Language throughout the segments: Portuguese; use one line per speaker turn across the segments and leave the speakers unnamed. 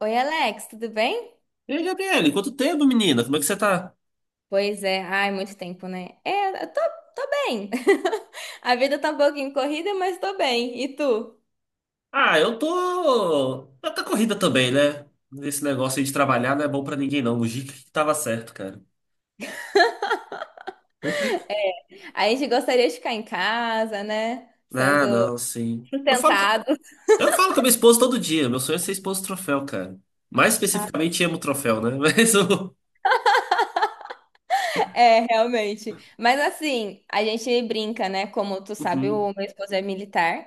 Oi, Alex, tudo bem?
E aí, Gabriele, quanto tempo, menina? Como é que você tá?
Pois é, ai, muito tempo, né? Tô bem. A vida tá um pouquinho corrida, mas tô bem. E tu?
Eu tô corrida também, né? Esse negócio aí de trabalhar não é bom pra ninguém, não. O Gica que tava certo, cara.
A gente gostaria de ficar em casa, né? Sendo
Ah, não, sim.
sustentado.
Eu falo com a minha esposa todo dia. Meu sonho é ser esposa do troféu, cara. Mais especificamente, amo o troféu, né? Mas o.
É, realmente. Mas assim, a gente brinca, né? Como tu sabe,
Uhum,
o meu esposo é militar.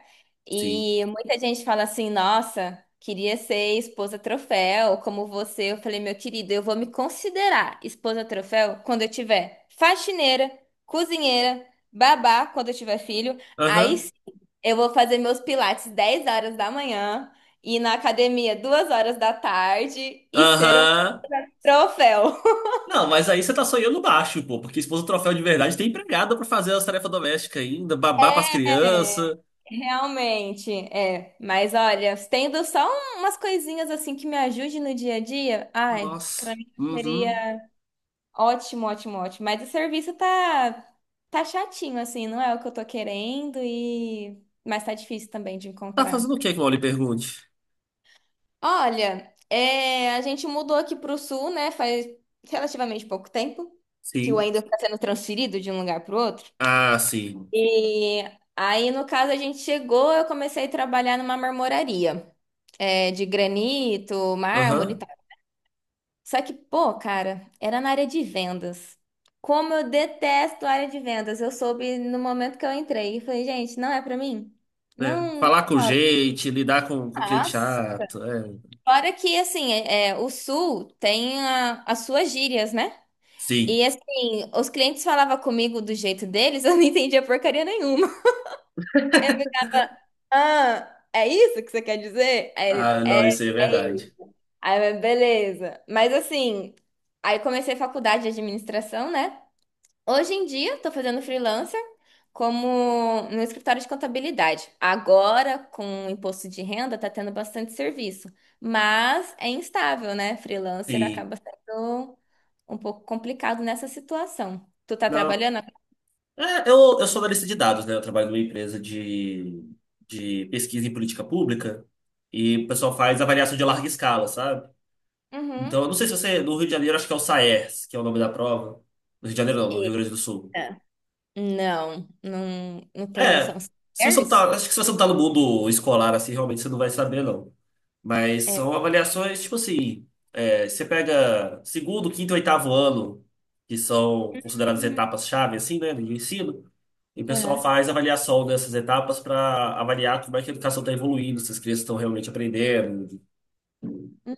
sim.
E muita gente fala assim: nossa, queria ser esposa troféu, como você. Eu falei, meu querido, eu vou me considerar esposa troféu quando eu tiver faxineira, cozinheira, babá, quando eu tiver filho. Aí
Aham.
sim, eu vou fazer meus pilates 10 horas da manhã, ir na academia 14 horas e ser um
Aham.
troféu.
Não, mas aí você tá sonhando baixo, pô, porque esposa do troféu de verdade tem empregada pra fazer as tarefas domésticas ainda, babar pras crianças.
Realmente, é. Mas olha, tendo umas coisinhas assim que me ajude no dia a dia, ai,
Nossa.
pra mim
Uhum.
seria ótimo, ótimo, ótimo. Mas o serviço tá chatinho assim, não é o que eu tô querendo e mas tá difícil também de
Tá
encontrar.
fazendo o que que o Wally pergunte?
Olha, é, a gente mudou aqui pro sul, né? Faz relativamente pouco tempo que o
Sim.
Wendel tá sendo transferido de um lugar pro outro.
Ah, sim.
E aí, no caso, a gente chegou, eu comecei a trabalhar numa marmoraria. É, de granito, mármore e
Aham.
tal. Só que, pô, cara, era na área de vendas. Como eu detesto a área de vendas. Eu soube no momento que eu entrei. Eu falei, gente, não é pra mim.
Né?
Não
Falar com
rola.
gente, lidar com, cliente
Mas,
chato. É.
fora que, assim, o Sul tem as suas gírias, né?
Sim.
E, assim, os clientes falavam comigo do jeito deles, eu não entendia porcaria nenhuma. É, ah, é isso que você quer dizer?
Ah, não, isso aí é
É
verdade.
Aí, eu, beleza. Mas assim, aí comecei faculdade de administração, né? Hoje em dia, tô fazendo freelancer como no escritório de contabilidade. Agora, com o imposto de renda, tá tendo bastante serviço. Mas é instável, né? Freelancer
Sim.
acaba sendo um pouco complicado nessa situação. Tu tá
Não.
trabalhando?
Eu sou analista de dados, né? Eu trabalho numa empresa de pesquisa em política pública e o pessoal faz avaliação de larga escala, sabe?
Uhum.
Então, eu não sei se você. No Rio de Janeiro, acho que é o SAERS, que é o nome da prova. No Rio de Janeiro, não, no Rio Grande do Sul.
Eita. Não tenho noção.
É.
São
Se você não
Ares?
tá, acho que se você não tá no mundo escolar, assim, realmente você não vai saber, não. Mas
É.
são avaliações, tipo assim, você pega segundo, quinto e oitavo ano, que são consideradas
Hum,
etapas-chave, assim, né, do ensino, e o pessoal
aham.
faz avaliação dessas etapas para avaliar como é que a educação está evoluindo, se as crianças estão realmente aprendendo,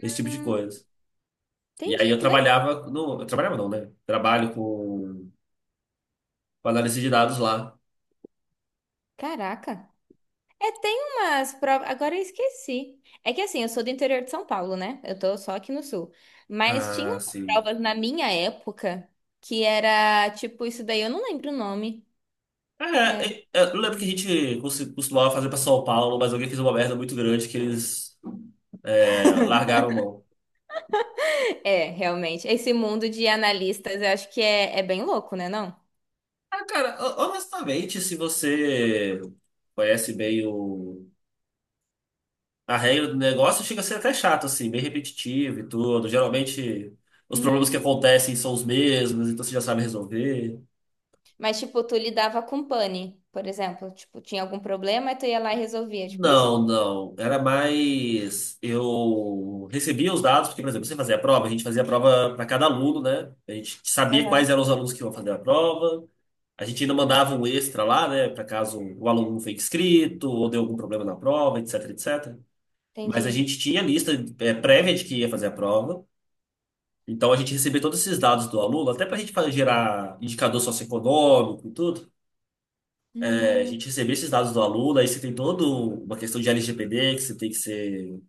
esse tipo de
Hum,
coisa. E aí
entendi,
eu
que legal.
trabalhava, no, eu trabalhava não, né? Trabalho com análise de dados lá.
Caraca. É, tem umas provas. Agora eu esqueci. É que assim, eu sou do interior de São Paulo, né? Eu tô só aqui no sul. Mas tinha
Ah,
umas
sim.
provas na minha época que era tipo isso daí, eu não lembro o nome. É,
É, é, eu lembro que a gente costumava fazer para São Paulo, mas alguém fez uma merda muito grande que eles largaram mão.
é, realmente. Esse mundo de analistas eu acho que é bem louco, né, não?
Ah, cara, honestamente, se você conhece bem o a regra do negócio, chega a ser até chato, assim, bem repetitivo e tudo. Geralmente, os problemas que
Hum,
acontecem são os mesmos, então você já sabe resolver.
mas, tipo, tu lidava com pane, por exemplo. Tipo, tinha algum problema e tu ia lá e resolvia. Tipo isso?
Não, não. Era mais. Eu recebia os dados, porque, por exemplo, você fazia a prova, a gente fazia a prova para cada aluno, né? A gente sabia quais
Aham.
eram os alunos que iam fazer a prova. A gente ainda mandava um extra lá, né? Para caso o aluno não foi inscrito ou deu algum problema na prova, etc, etc. Mas a
Entendi.
gente tinha lista prévia de que ia fazer a prova. Então a gente recebia todos esses dados do aluno, até para a gente fazer gerar indicador socioeconômico e tudo. É, a
Hum,
gente recebia esses dados do aluno, aí você tem toda uma questão de LGPD, que você tem que ser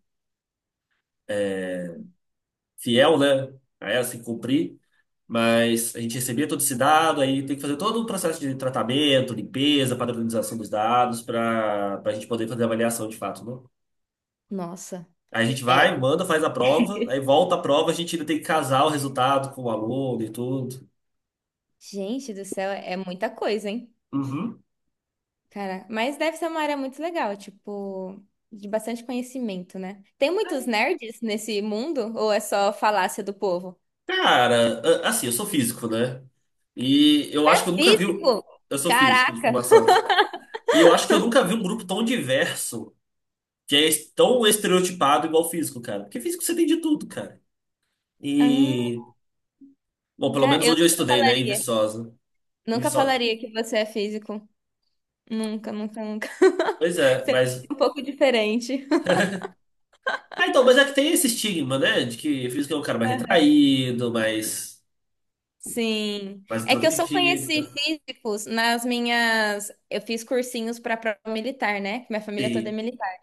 fiel, né? A ela, você tem que cumprir. Mas a gente recebia todo esse dado, aí tem que fazer todo um processo de tratamento, limpeza, padronização dos dados, para a gente poder fazer a avaliação de fato, né?
nossa.
Aí a gente
É.
vai, manda, faz a prova, aí volta a prova, a gente ainda tem que casar o resultado com o aluno e tudo.
Gente do céu, é muita coisa, hein?
Uhum.
Cara, mas deve ser uma área muito legal, tipo, de bastante conhecimento, né? Tem muitos nerds nesse mundo ou é só falácia do povo?
Cara, assim, eu sou físico, né? E eu
É
acho que eu nunca vi um.
físico?
Eu sou físico de
Caraca!
formação. E eu acho que eu nunca vi um grupo tão diverso, que é tão estereotipado igual físico, cara. Porque físico você tem de tudo, cara.
Ah,
E. Bom, pelo
cara,
menos
eu
onde eu
nunca
estudei, né? Em
falaria.
Viçosa. Em
Nunca
Viçosa.
falaria que você é físico. Nunca, nunca, nunca.
Pois é,
Você
mas.
é um pouco diferente.
Ah, então, mas é que tem esse estigma, né? De que físico é um cara mais retraído, mais
Sim.
mais
É que eu só
introvertido.
conheci
Tá?
físicos nas minhas. Eu fiz cursinhos para prova militar, né? Que minha família toda é
Sim,
militar.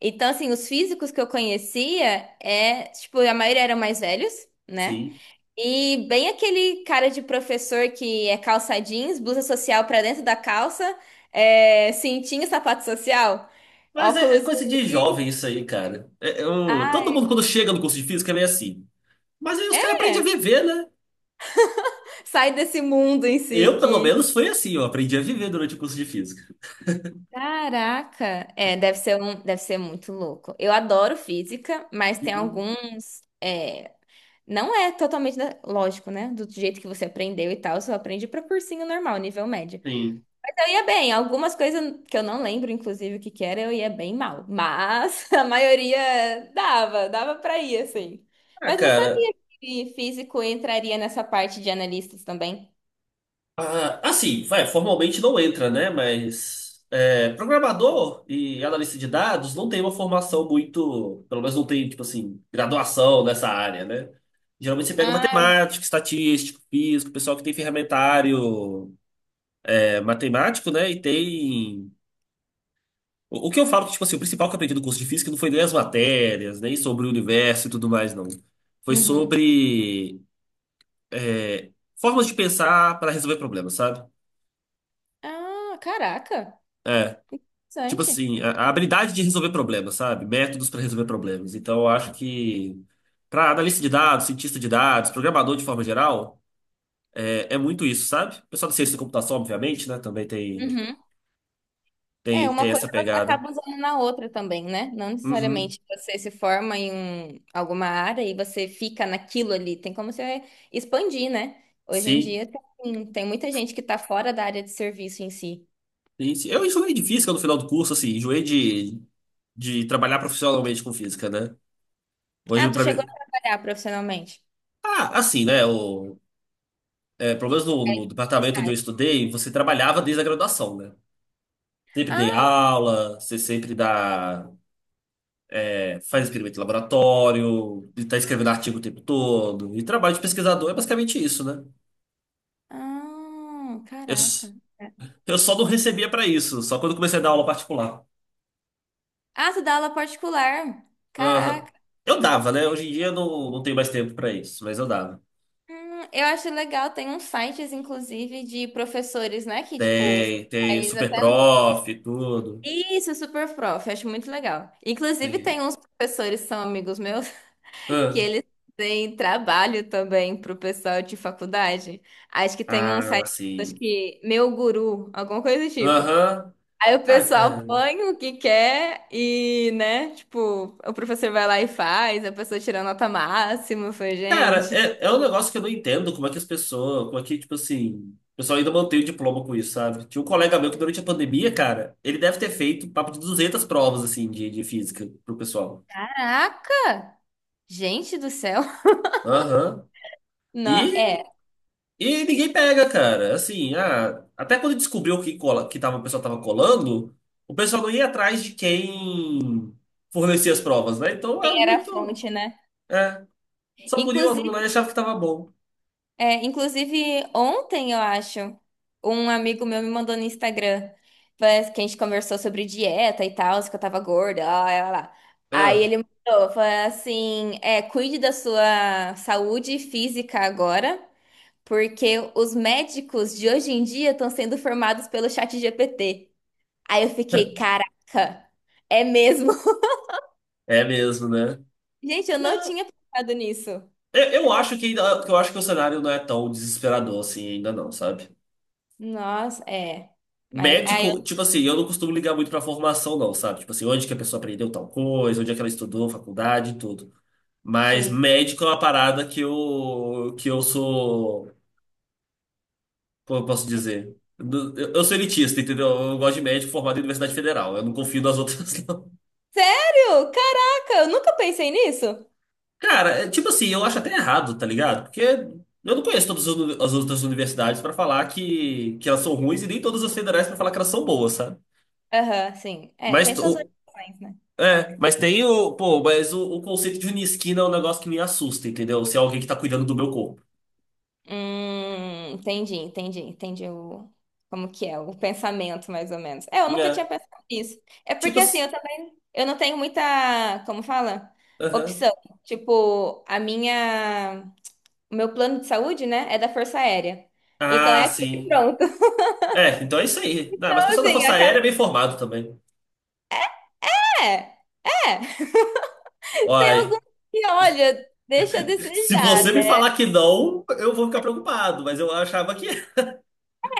Então, assim, os físicos que eu conhecia, é, tipo, a maioria eram mais velhos, né?
sim.
E bem aquele cara de professor que é calça jeans, blusa social pra dentro da calça, é, cintinho, sapato social,
Mas é, é
óculos.
coisa de jovem isso aí, cara. Todo
Ai,
mundo quando chega no curso de física é meio assim. Mas aí os caras aprendem a
é.
viver, né?
Sai desse mundo em si
Eu, pelo
que.
menos, foi assim. Eu aprendi a viver durante o curso de física.
Caraca! Deve ser muito louco. Eu adoro física, mas tem
Uhum.
alguns. É, não é totalmente lógico, né? Do jeito que você aprendeu e tal, só aprende para cursinho normal, nível médio.
Sim.
Mas eu ia bem, algumas coisas que eu não lembro, inclusive, o que que era, eu ia bem mal. Mas a maioria dava para ir, assim.
Ah,
Mas não sabia
cara.
que físico entraria nessa parte de analistas também.
Ah, assim, vai, formalmente não entra, né? Mas é, programador e analista de dados não tem uma formação muito. Pelo menos não tem, tipo assim, graduação nessa área, né? Geralmente você pega
Ah,
matemática, estatístico, físico, pessoal que tem ferramentário matemático, né? E tem. O que eu falo que, tipo assim, o principal que eu aprendi do curso de física não foi nem as matérias, nem sobre o universo e tudo mais, não.
é.
Foi
Uhum.
sobre formas de pensar para resolver problemas, sabe?
Ah, caraca,
Tipo
interessante.
assim, a habilidade de resolver problemas, sabe? Métodos para resolver problemas. Então, eu acho que para analista de dados, cientista de dados, programador de forma geral, é muito isso, sabe? O pessoal da ciência da computação, obviamente, né? Também tem,
É,
tem,
uma
tem
coisa
essa
você
pegada.
acaba usando na outra também, né? Não
Uhum.
necessariamente você se forma em alguma área e você fica naquilo ali. Tem como você expandir, né? Hoje em
Sim,
dia tem muita gente que tá fora da área de serviço em si.
sim, sim. Eu enjoei de física no final do curso, assim, enjoei de trabalhar profissionalmente com física, né?
Ah,
Hoje,
tu
pra
chegou a
mim.
trabalhar profissionalmente?
Ah, assim, né? O, pelo menos no, no
Aí,
departamento onde eu
estágio.
estudei, você trabalhava desde a graduação, né? Sempre dei
Ah,
aula, você sempre dá, faz experimento em laboratório, e tá escrevendo artigo o tempo todo. E trabalho de pesquisador é basicamente isso, né?
ah,
Eu,
caraca.
s- eu só não recebia pra isso, só quando comecei a dar aula particular.
Ah, tu dá aula particular.
Ah,
Caraca.
eu dava, né? Hoje em dia eu não, não tenho mais tempo pra isso, mas eu dava.
Eu acho legal, tem uns sites, inclusive, de professores, né?
Tem, tem super prof e tudo.
Isso, é super prof, acho muito legal. Inclusive,
Tem.
tem uns professores que são amigos meus que eles têm trabalho também pro pessoal de faculdade. Acho que tem um
Ah,
site, acho
sim.
que Meu Guru, alguma coisa do tipo.
Aham.
Aí o
Ah,
pessoal
cara.
põe o que quer e, né, tipo, o professor vai lá e faz, a pessoa tira nota máxima. Eu falei,
Cara,
gente,
é, é um negócio que eu não entendo como é que as pessoas, como é que, tipo assim, o pessoal ainda mantém o diploma com isso, sabe? Tinha um colega meu que durante a pandemia, cara, ele deve ter feito papo de 200 provas, assim, de física pro pessoal.
caraca! Gente do céu!
Aham.
Não, é,
E, e ninguém pega, cara. Assim, ah, até quando descobriu que, cola, que tava, o pessoal tava colando, o pessoal não ia atrás de quem fornecia as provas, né? Então é
quem era a
muito.
fonte, né?
É. Só por ir o aluno
Inclusive.
lá e achava que tava bom.
É, inclusive, ontem, eu acho, um amigo meu me mandou no Instagram, parece que a gente conversou sobre dieta e tal, se que eu tava gorda, lá, lá, lá, lá. Aí
É.
ele mandou, falou assim, é, cuide da sua saúde física agora, porque os médicos de hoje em dia estão sendo formados pelo chat GPT. Aí eu fiquei, caraca, é mesmo?
É mesmo, né?
Gente, eu não
Não,
tinha pensado nisso.
eu
Eu falei,
acho que ainda, eu acho que o cenário não é tão desesperador assim ainda não, sabe?
nossa, é. Mas aí eu,
Médico, tipo assim, eu não costumo ligar muito pra formação não, sabe? Tipo assim, onde que a pessoa aprendeu tal coisa, onde é que ela estudou, faculdade e tudo. Mas
sim.
médico é uma parada que eu sou, como eu posso dizer? Eu sou elitista, entendeu? Eu gosto de médico formado em Universidade Federal. Eu não confio nas outras.
Sério? Caraca, eu nunca pensei nisso.
Cara, é, tipo assim, eu acho até errado, tá ligado? Porque eu não conheço todas as as outras universidades pra falar que elas são ruins e nem todas as federais pra falar que elas são boas, sabe?
Aham, sim. É, tem
Mas
suas
o,
orientações, né?
é, mas tem o, pô, mas o conceito de unisquina é um negócio que me assusta, entendeu? Se é alguém que tá cuidando do meu corpo.
Entendi o, como que é, o pensamento, mais ou menos. É, eu nunca
É,
tinha pensado nisso. É
tipo
porque, assim,
assim,
eu também, eu não tenho muita, como fala?
aham.
Opção. Tipo, a minha, o meu plano de saúde, né, é da Força Aérea. Então é
Ah,
aqui
sim.
pronto.
É, então é isso aí. Ah,
Então,
mas o pessoal da
assim,
Força
acaba...
Aérea é bem formado também.
É, é. Tem
Olha,
alguns que, olha, deixa a
se
desejar,
você me
né?
falar que não, eu vou ficar preocupado, mas eu achava que é.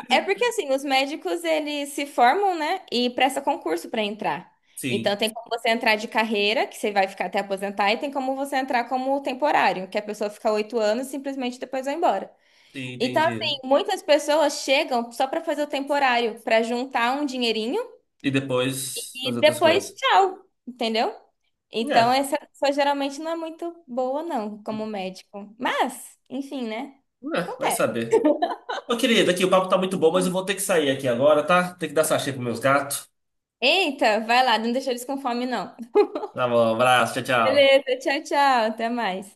É porque assim, os médicos eles se formam, né, e presta concurso para entrar. Então
Sim,
tem como você entrar de carreira, que você vai ficar até aposentar, e tem como você entrar como temporário, que a pessoa fica 8 anos e simplesmente depois vai embora.
sim,
Então
entendi.
assim, muitas pessoas chegam só para fazer o temporário, para juntar um dinheirinho
E depois fazer
e
outras
depois
coisas.
tchau, entendeu? Então
É,
essa pessoa geralmente não é muito boa não, como médico. Mas, enfim, né?
é, vai
Acontece.
saber. Ô, querido, aqui o papo tá muito bom, mas eu vou ter que sair aqui agora, tá? Tem que dar sachê pros meus gatos.
Eita, vai lá, não deixa eles com fome não.
Tá bom, abraço, tchau, tchau.
Beleza, tchau, tchau, até mais.